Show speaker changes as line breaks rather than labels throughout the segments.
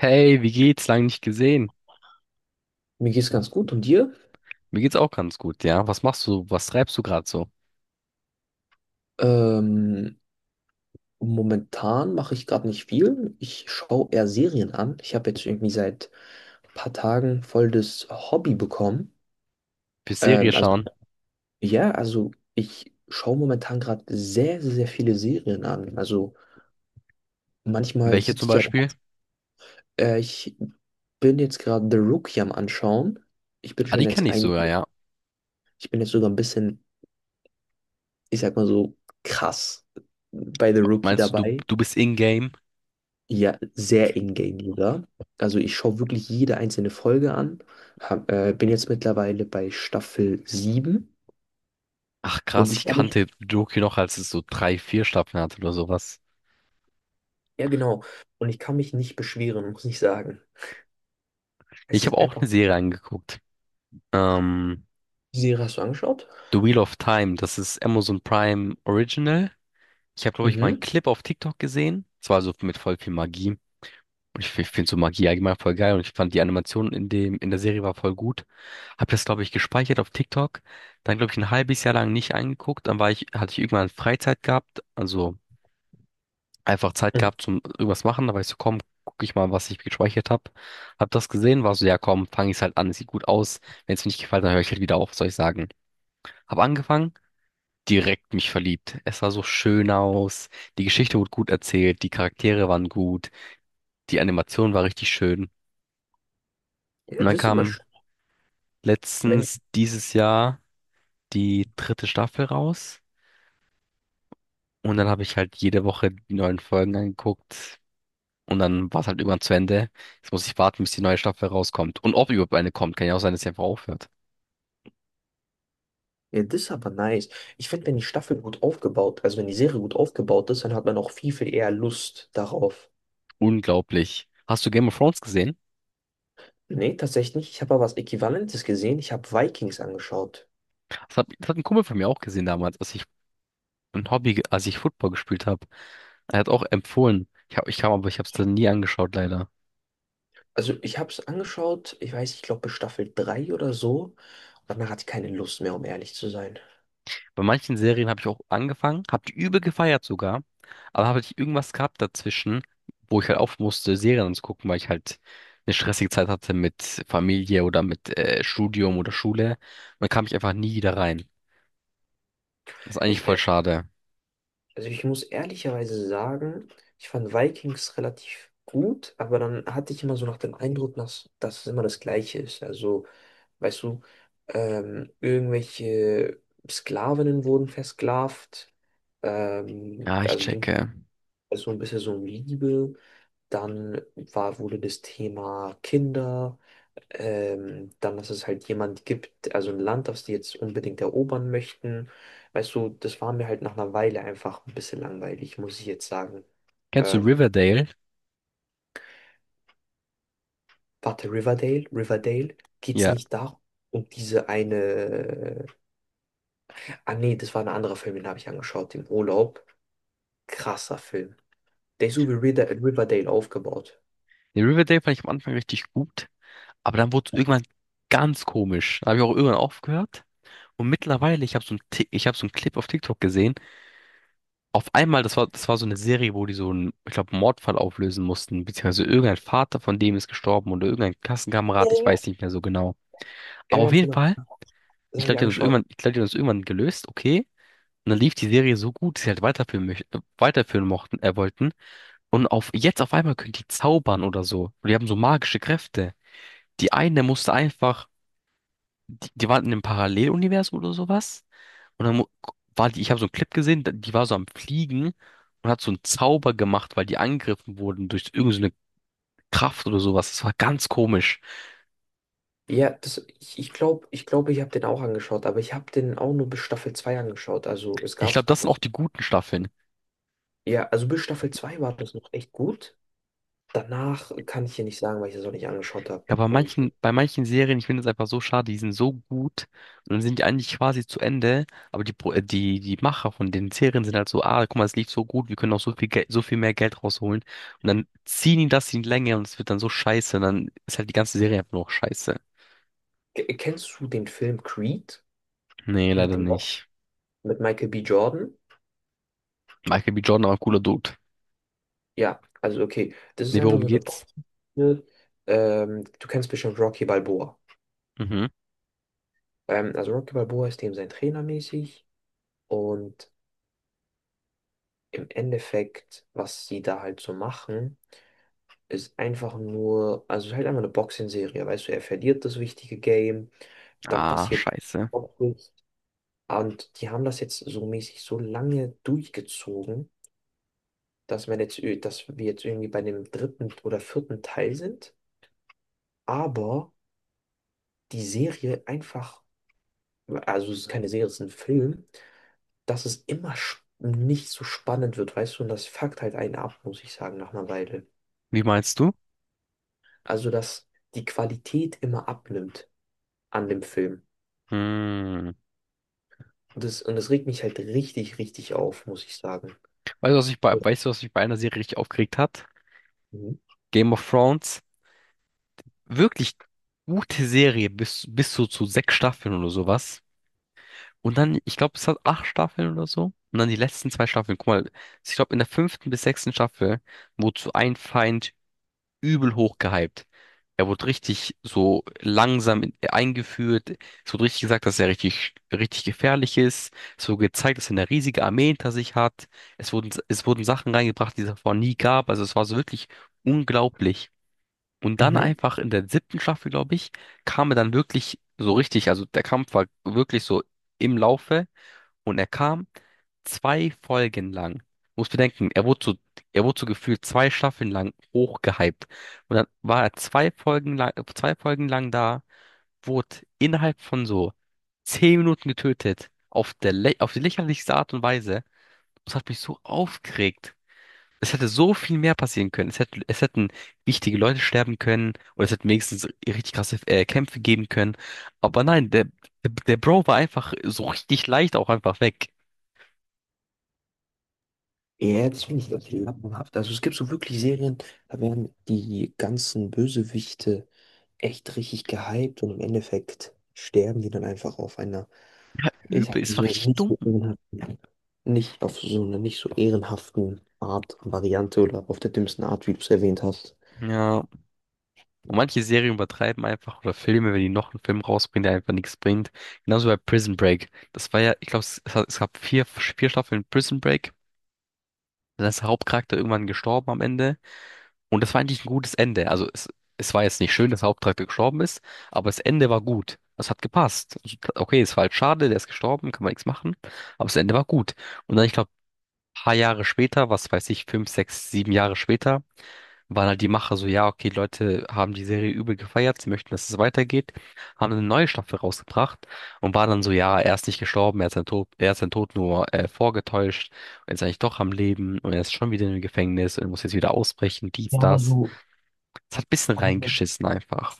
Hey, wie geht's? Lang nicht gesehen.
Mir geht's ganz gut. Und dir?
Mir geht's auch ganz gut, ja. Was machst du? Was treibst du gerade so?
Ähm, Momentan mache ich gerade nicht viel. Ich schaue eher Serien an. Ich habe jetzt irgendwie seit ein paar Tagen voll das Hobby bekommen.
Bis Serie
Ähm, also
schauen.
ja, also, ich schaue momentan gerade sehr, sehr, sehr viele Serien an. Also manchmal
Welche
sitze
zum
ich ja da.
Beispiel?
Ich bin jetzt gerade The Rookie am Anschauen. Ich bin
Ah,
schon
die kenne
jetzt
ich
ein,
sogar, ja.
Ich bin jetzt sogar ein bisschen, ich sag mal so, krass bei The Rookie
Meinst du, du,
dabei.
du bist in-game?
Ja, sehr in-game sogar. Also ich schaue wirklich jede einzelne Folge an. Bin jetzt mittlerweile bei Staffel sieben,
Ach
und
krass,
ich
ich
kann mich,
kannte Doki noch, als es so drei, vier Staffeln hatte oder sowas.
ja genau, und ich kann mich nicht beschweren, muss ich sagen. Es
Ich habe
ist
auch
einfach,
eine Serie angeguckt. Ähm,
Die Serie hast du angeschaut?
The Wheel of Time, das ist Amazon Prime Original. Ich habe, glaube ich, mal einen
Mhm.
Clip auf TikTok gesehen. Es war so mit voll viel Magie. Und ich finde so Magie allgemein voll geil und ich fand die Animation in dem, in der Serie war voll gut. Hab das, glaube ich, gespeichert auf TikTok. Dann, glaube ich, ein halbes Jahr lang nicht angeguckt. Dann war ich, hatte ich irgendwann Freizeit gehabt, also einfach Zeit
Mhm.
gehabt zum irgendwas machen. Da war ich so, komm, guck ich mal, was ich gespeichert habe. Hab das gesehen, war so, ja komm, fange ich halt an, sieht gut aus. Wenn es mir nicht gefällt, dann höre ich halt wieder auf, soll ich sagen. Hab angefangen, direkt mich verliebt. Es sah so schön aus. Die Geschichte wurde gut erzählt, die Charaktere waren gut, die Animation war richtig schön.
Ja,
Und dann
das ist immer
kam
schön. Wenn,
letztens dieses Jahr die dritte Staffel raus und dann habe ich halt jede Woche die neuen Folgen angeguckt und dann war es halt irgendwann zu Ende. Jetzt muss ich warten, bis die neue Staffel rauskommt. Und ob überhaupt eine kommt, kann ja auch sein, dass sie einfach aufhört.
Ja, das ist aber nice. Ich finde, wenn die Staffel gut aufgebaut, also wenn die Serie gut aufgebaut ist, dann hat man auch viel, viel eher Lust darauf.
Unglaublich. Hast du Game of Thrones gesehen?
Nee, tatsächlich nicht. Ich habe aber was Äquivalentes gesehen. Ich habe Vikings angeschaut.
Das hat ein Kumpel von mir auch gesehen damals, als ich ein Hobby, als ich Football gespielt habe. Er hat auch empfohlen. Aber ich habe es dann nie angeschaut, leider.
Also ich habe es angeschaut, ich weiß, ich glaube bis Staffel 3 oder so. Danach hatte ich keine Lust mehr, um ehrlich zu sein.
Bei manchen Serien habe ich auch angefangen, habe die übel gefeiert sogar, aber habe ich irgendwas gehabt dazwischen, wo ich halt auf musste, Serien zu gucken, weil ich halt eine stressige Zeit hatte mit Familie oder mit Studium oder Schule. Und dann kam ich einfach nie wieder rein. Das ist eigentlich
Ich,
voll
äh,
schade.
also ich muss ehrlicherweise sagen, ich fand Vikings relativ gut, aber dann hatte ich immer so nach dem Eindruck, dass es immer das Gleiche ist. Also, weißt du, irgendwelche Sklavinnen wurden versklavt.
Ja, ich
Also ging
checke.
so ein bisschen so um Liebe. Wurde das Thema Kinder. Dann, dass es halt jemand gibt, also ein Land, das die jetzt unbedingt erobern möchten. Weißt du, das war mir halt nach einer Weile einfach ein bisschen langweilig, muss ich jetzt sagen.
Kennst du
Ähm,
Riverdale?
Warte, Riverdale? Riverdale? Geht's
Ja.
nicht da um diese eine? Ah, nee, das war ein anderer Film, den habe ich angeschaut im Urlaub. Krasser Film. Der ist so wie Riverdale aufgebaut.
Den Riverdale fand ich am Anfang richtig gut, aber dann wurde es irgendwann ganz komisch. Da habe ich auch irgendwann aufgehört. Und mittlerweile, ich habe so einen Clip auf TikTok gesehen, auf einmal, das war so eine Serie, wo die so einen, ich glaube, Mordfall auflösen mussten, beziehungsweise irgendein Vater von dem ist gestorben oder irgendein
Ja,
Klassenkamerad,
ja,
ich
ja.
weiß nicht mehr so genau.
Ja,
Aber auf
ganz
jeden
genau.
Fall,
Das habe ich angeschaut.
ich glaube, die haben das irgendwann gelöst, okay. Und dann lief die Serie so gut, dass sie halt weiterführen möchten, weiterführen mochten, wollten. Und jetzt auf einmal können die zaubern oder so. Und die haben so magische Kräfte. Die eine musste einfach die waren in einem Paralleluniversum oder sowas. Und dann war die, ich habe so einen Clip gesehen, die war so am Fliegen und hat so einen Zauber gemacht, weil die angegriffen wurden durch irgendeine so eine Kraft oder sowas. Das war ganz komisch.
Ja, das, ich glaube, ich glaube, ich habe den auch angeschaut, aber ich habe den auch nur bis Staffel 2 angeschaut. Also es
Ich
gab
glaube,
Star
das sind auch
Wars.
die guten Staffeln.
Ja, also bis Staffel 2 war das noch echt gut. Danach kann ich hier nicht sagen, weil ich das auch nicht angeschaut habe.
Ja, bei manchen Serien, ich finde es einfach so schade, die sind so gut und dann sind die eigentlich quasi zu Ende, aber die Macher von den Serien sind halt so, ah, guck mal, es lief so gut, wir können noch so viel Geld, so viel mehr Geld rausholen. Und dann ziehen die das in die Länge und es wird dann so scheiße. Und dann ist halt die ganze Serie einfach nur noch scheiße.
Kennst du den Film Creed
Nee,
mit
leider
dem Box,
nicht.
mit Michael B. Jordan?
Michael B. Jordan, aber cooler Dude.
Ja, also okay, das ist
Nee,
einfach
worum
so eine
geht's?
Box. Du kennst bestimmt Rocky Balboa.
Mhm.
Also Rocky Balboa ist dem sein Trainer mäßig und im Endeffekt, was sie da halt so machen, ist einfach nur, also es ist halt einfach eine Boxing-Serie, weißt du, er verliert das wichtige Game, dann
Ah,
passiert
scheiße.
auch nichts. Und die haben das jetzt so mäßig so lange durchgezogen, dass man jetzt, dass wir jetzt irgendwie bei dem dritten oder vierten Teil sind, aber die Serie einfach, also es ist keine Serie, es ist ein Film, dass es immer nicht so spannend wird, weißt du, und das fuckt halt einen ab, muss ich sagen, nach einer Weile.
Wie meinst du?
Also, dass die Qualität immer abnimmt an dem Film.
Hm.
Und das regt mich halt richtig, richtig auf, muss ich sagen.
Weißt du, was mich bei einer Serie richtig aufgeregt hat?
Mhm.
Game of Thrones. Wirklich gute Serie, bis so zu sechs Staffeln oder sowas. Und dann, ich glaube, es hat acht Staffeln oder so. Und dann die letzten zwei Staffeln. Guck mal, ich glaube, in der fünften bis sechsten Staffel, wozu ein Feind übel hoch gehypt. Er wurde richtig so langsam eingeführt. Es wurde richtig gesagt, dass er richtig, richtig gefährlich ist. Es wurde gezeigt, dass er eine riesige Armee hinter sich hat. Es wurden Sachen reingebracht, die es davor nie gab. Also es war so wirklich unglaublich. Und dann
Mhm.
einfach in der siebten Staffel, glaube ich, kam er dann wirklich so richtig. Also der Kampf war wirklich so im Laufe. Und er kam zwei Folgen lang. Muss bedenken, er wurde so gefühlt zwei Staffeln lang hochgehypt. Und dann war er zwei Folgen lang da, wurde innerhalb von so 10 Minuten getötet. Auf die lächerlichste Art und Weise. Das hat mich so aufgeregt. Es hätte so viel mehr passieren können. Es hätten wichtige Leute sterben können. Oder es hätten wenigstens richtig krasse Kämpfe geben können. Aber nein, der Bro war einfach so richtig leicht auch einfach weg.
Ja, das finde ich echt lappenhaft. Also es gibt so wirklich Serien, da werden die ganzen Bösewichte echt richtig gehypt und im Endeffekt sterben die dann einfach auf einer, ich sag
Übel,
mal
es war
so,
richtig
nicht
dumm.
so ehrenhaften, nicht auf so einer nicht so ehrenhaften Art, Variante oder auf der dümmsten Art, wie du es erwähnt hast.
Ja, und manche Serien übertreiben einfach oder Filme, wenn die noch einen Film rausbringen, der einfach nichts bringt. Genauso bei Prison Break. Das war ja, ich glaube, es gab vier Staffeln Prison Break. Dann ist der Hauptcharakter irgendwann gestorben am Ende. Und das war eigentlich ein gutes Ende. Es war jetzt nicht schön, dass der Hauptcharakter gestorben ist, aber das Ende war gut. Es hat gepasst. Okay, es war halt schade, der ist gestorben, kann man nichts machen. Aber das Ende war gut. Und dann, ich glaube, ein paar Jahre später, was weiß ich, 5, 6, 7 Jahre später, waren halt die Macher so, ja, okay, Leute haben die Serie übel gefeiert, sie möchten, dass es weitergeht, haben eine neue Staffel rausgebracht und waren dann so, ja, er ist nicht gestorben, er ist sein Tod nur vorgetäuscht und ist eigentlich doch am Leben und er ist schon wieder im Gefängnis und muss jetzt wieder ausbrechen, dies,
Ja, aber
das.
so,
Es hat ein bisschen
aber so.
reingeschissen einfach.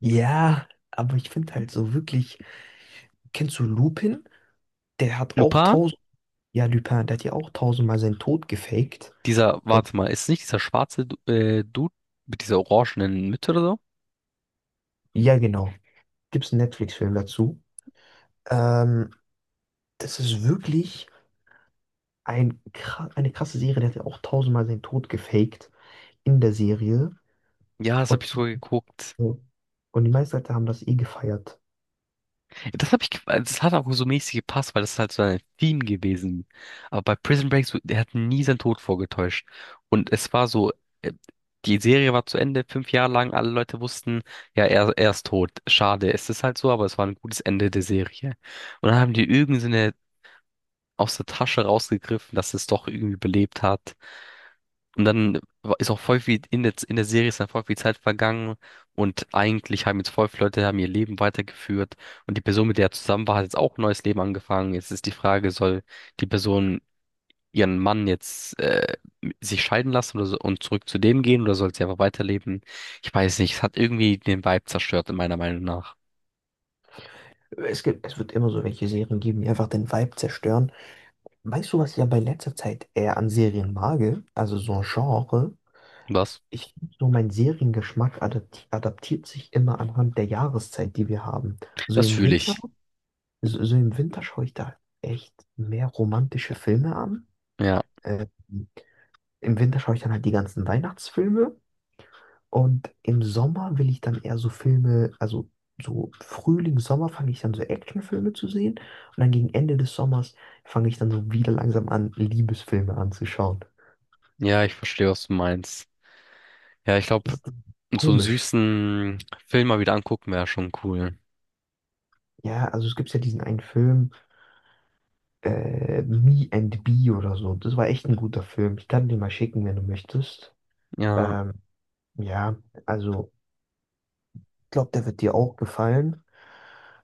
Ja, aber ich finde halt so wirklich, kennst du Lupin? Der hat auch
Lupin,
tausend, Ja, Lupin, der hat ja auch tausendmal seinen Tod gefaked.
dieser,
Und
warte mal, ist nicht dieser schwarze Dude mit dieser orangenen Mütze oder so?
ja, genau. Gibt es einen Netflix-Film dazu? Ähm, Das ist wirklich eine krasse Serie. Der hat ja auch tausendmal seinen Tod gefaked in der Serie.
Ja, das habe ich
Und die,
sogar geguckt.
ja, und die meisten Leute haben das eh gefeiert.
Das habe ich, ge- also das hat auch so mäßig gepasst, weil das ist halt so ein Theme gewesen. Aber bei Prison Break, so, der hat nie seinen Tod vorgetäuscht. Und es war so, äh, die Serie war zu Ende, 5 Jahre lang, alle Leute wussten, ja, er ist tot. Schade, es ist halt so, aber es war ein gutes Ende der Serie. Und dann haben die irgendeine aus der Tasche rausgegriffen, dass es doch irgendwie belebt hat. Und dann ist auch voll viel in der, Serie ist dann voll viel Zeit vergangen und eigentlich haben jetzt voll viele Leute haben ihr Leben weitergeführt und die Person, mit der er zusammen war, hat jetzt auch ein neues Leben angefangen. Jetzt ist die Frage, soll die Person ihren Mann jetzt sich scheiden lassen oder so, und zurück zu dem gehen oder soll sie einfach weiterleben? Ich weiß nicht, es hat irgendwie den Vibe zerstört, in meiner Meinung nach.
Es gibt, es wird immer so welche Serien geben, die einfach den Vibe zerstören. Weißt du, was ich ja bei letzter Zeit eher an Serien mag? Also so ein Genre.
Was?
Ich finde so, mein Seriengeschmack adaptiert sich immer anhand der Jahreszeit, die wir haben. So
Das
im
fühle
Winter,
ich.
so im Winter schaue ich da echt mehr romantische Filme an.
Ja,
Äh, Im Winter schaue ich dann halt die ganzen Weihnachtsfilme und im Sommer will ich dann eher so Filme, also so Frühling, Sommer fange ich dann so Actionfilme zu sehen und dann gegen Ende des Sommers fange ich dann so wieder langsam an, Liebesfilme anzuschauen.
ja, ich verstehe, was du meinst. Ja, ich
Das
glaube,
ist
so einen
komisch.
süßen Film mal wieder angucken wäre schon cool.
Ja, also es gibt ja diesen einen Film. Me and Bee oder so. Das war echt ein guter Film. Ich kann dir mal schicken, wenn du möchtest.
Ja.
Ähm, ja, also ich glaube, der wird dir auch gefallen.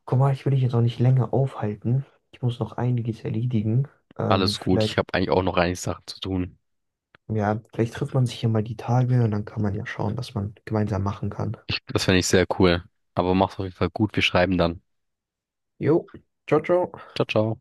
Guck mal, ich will dich jetzt auch nicht länger aufhalten. Ich muss noch einiges erledigen. Ähm,
Alles gut.
vielleicht,
Ich habe eigentlich auch noch einige Sachen zu tun.
ja, vielleicht trifft man sich ja mal die Tage und dann kann man ja schauen, was man gemeinsam machen kann.
Das fände ich sehr cool. Aber mach's auf jeden Fall gut. Wir schreiben dann.
Jo, ciao, ciao.
Ciao, ciao.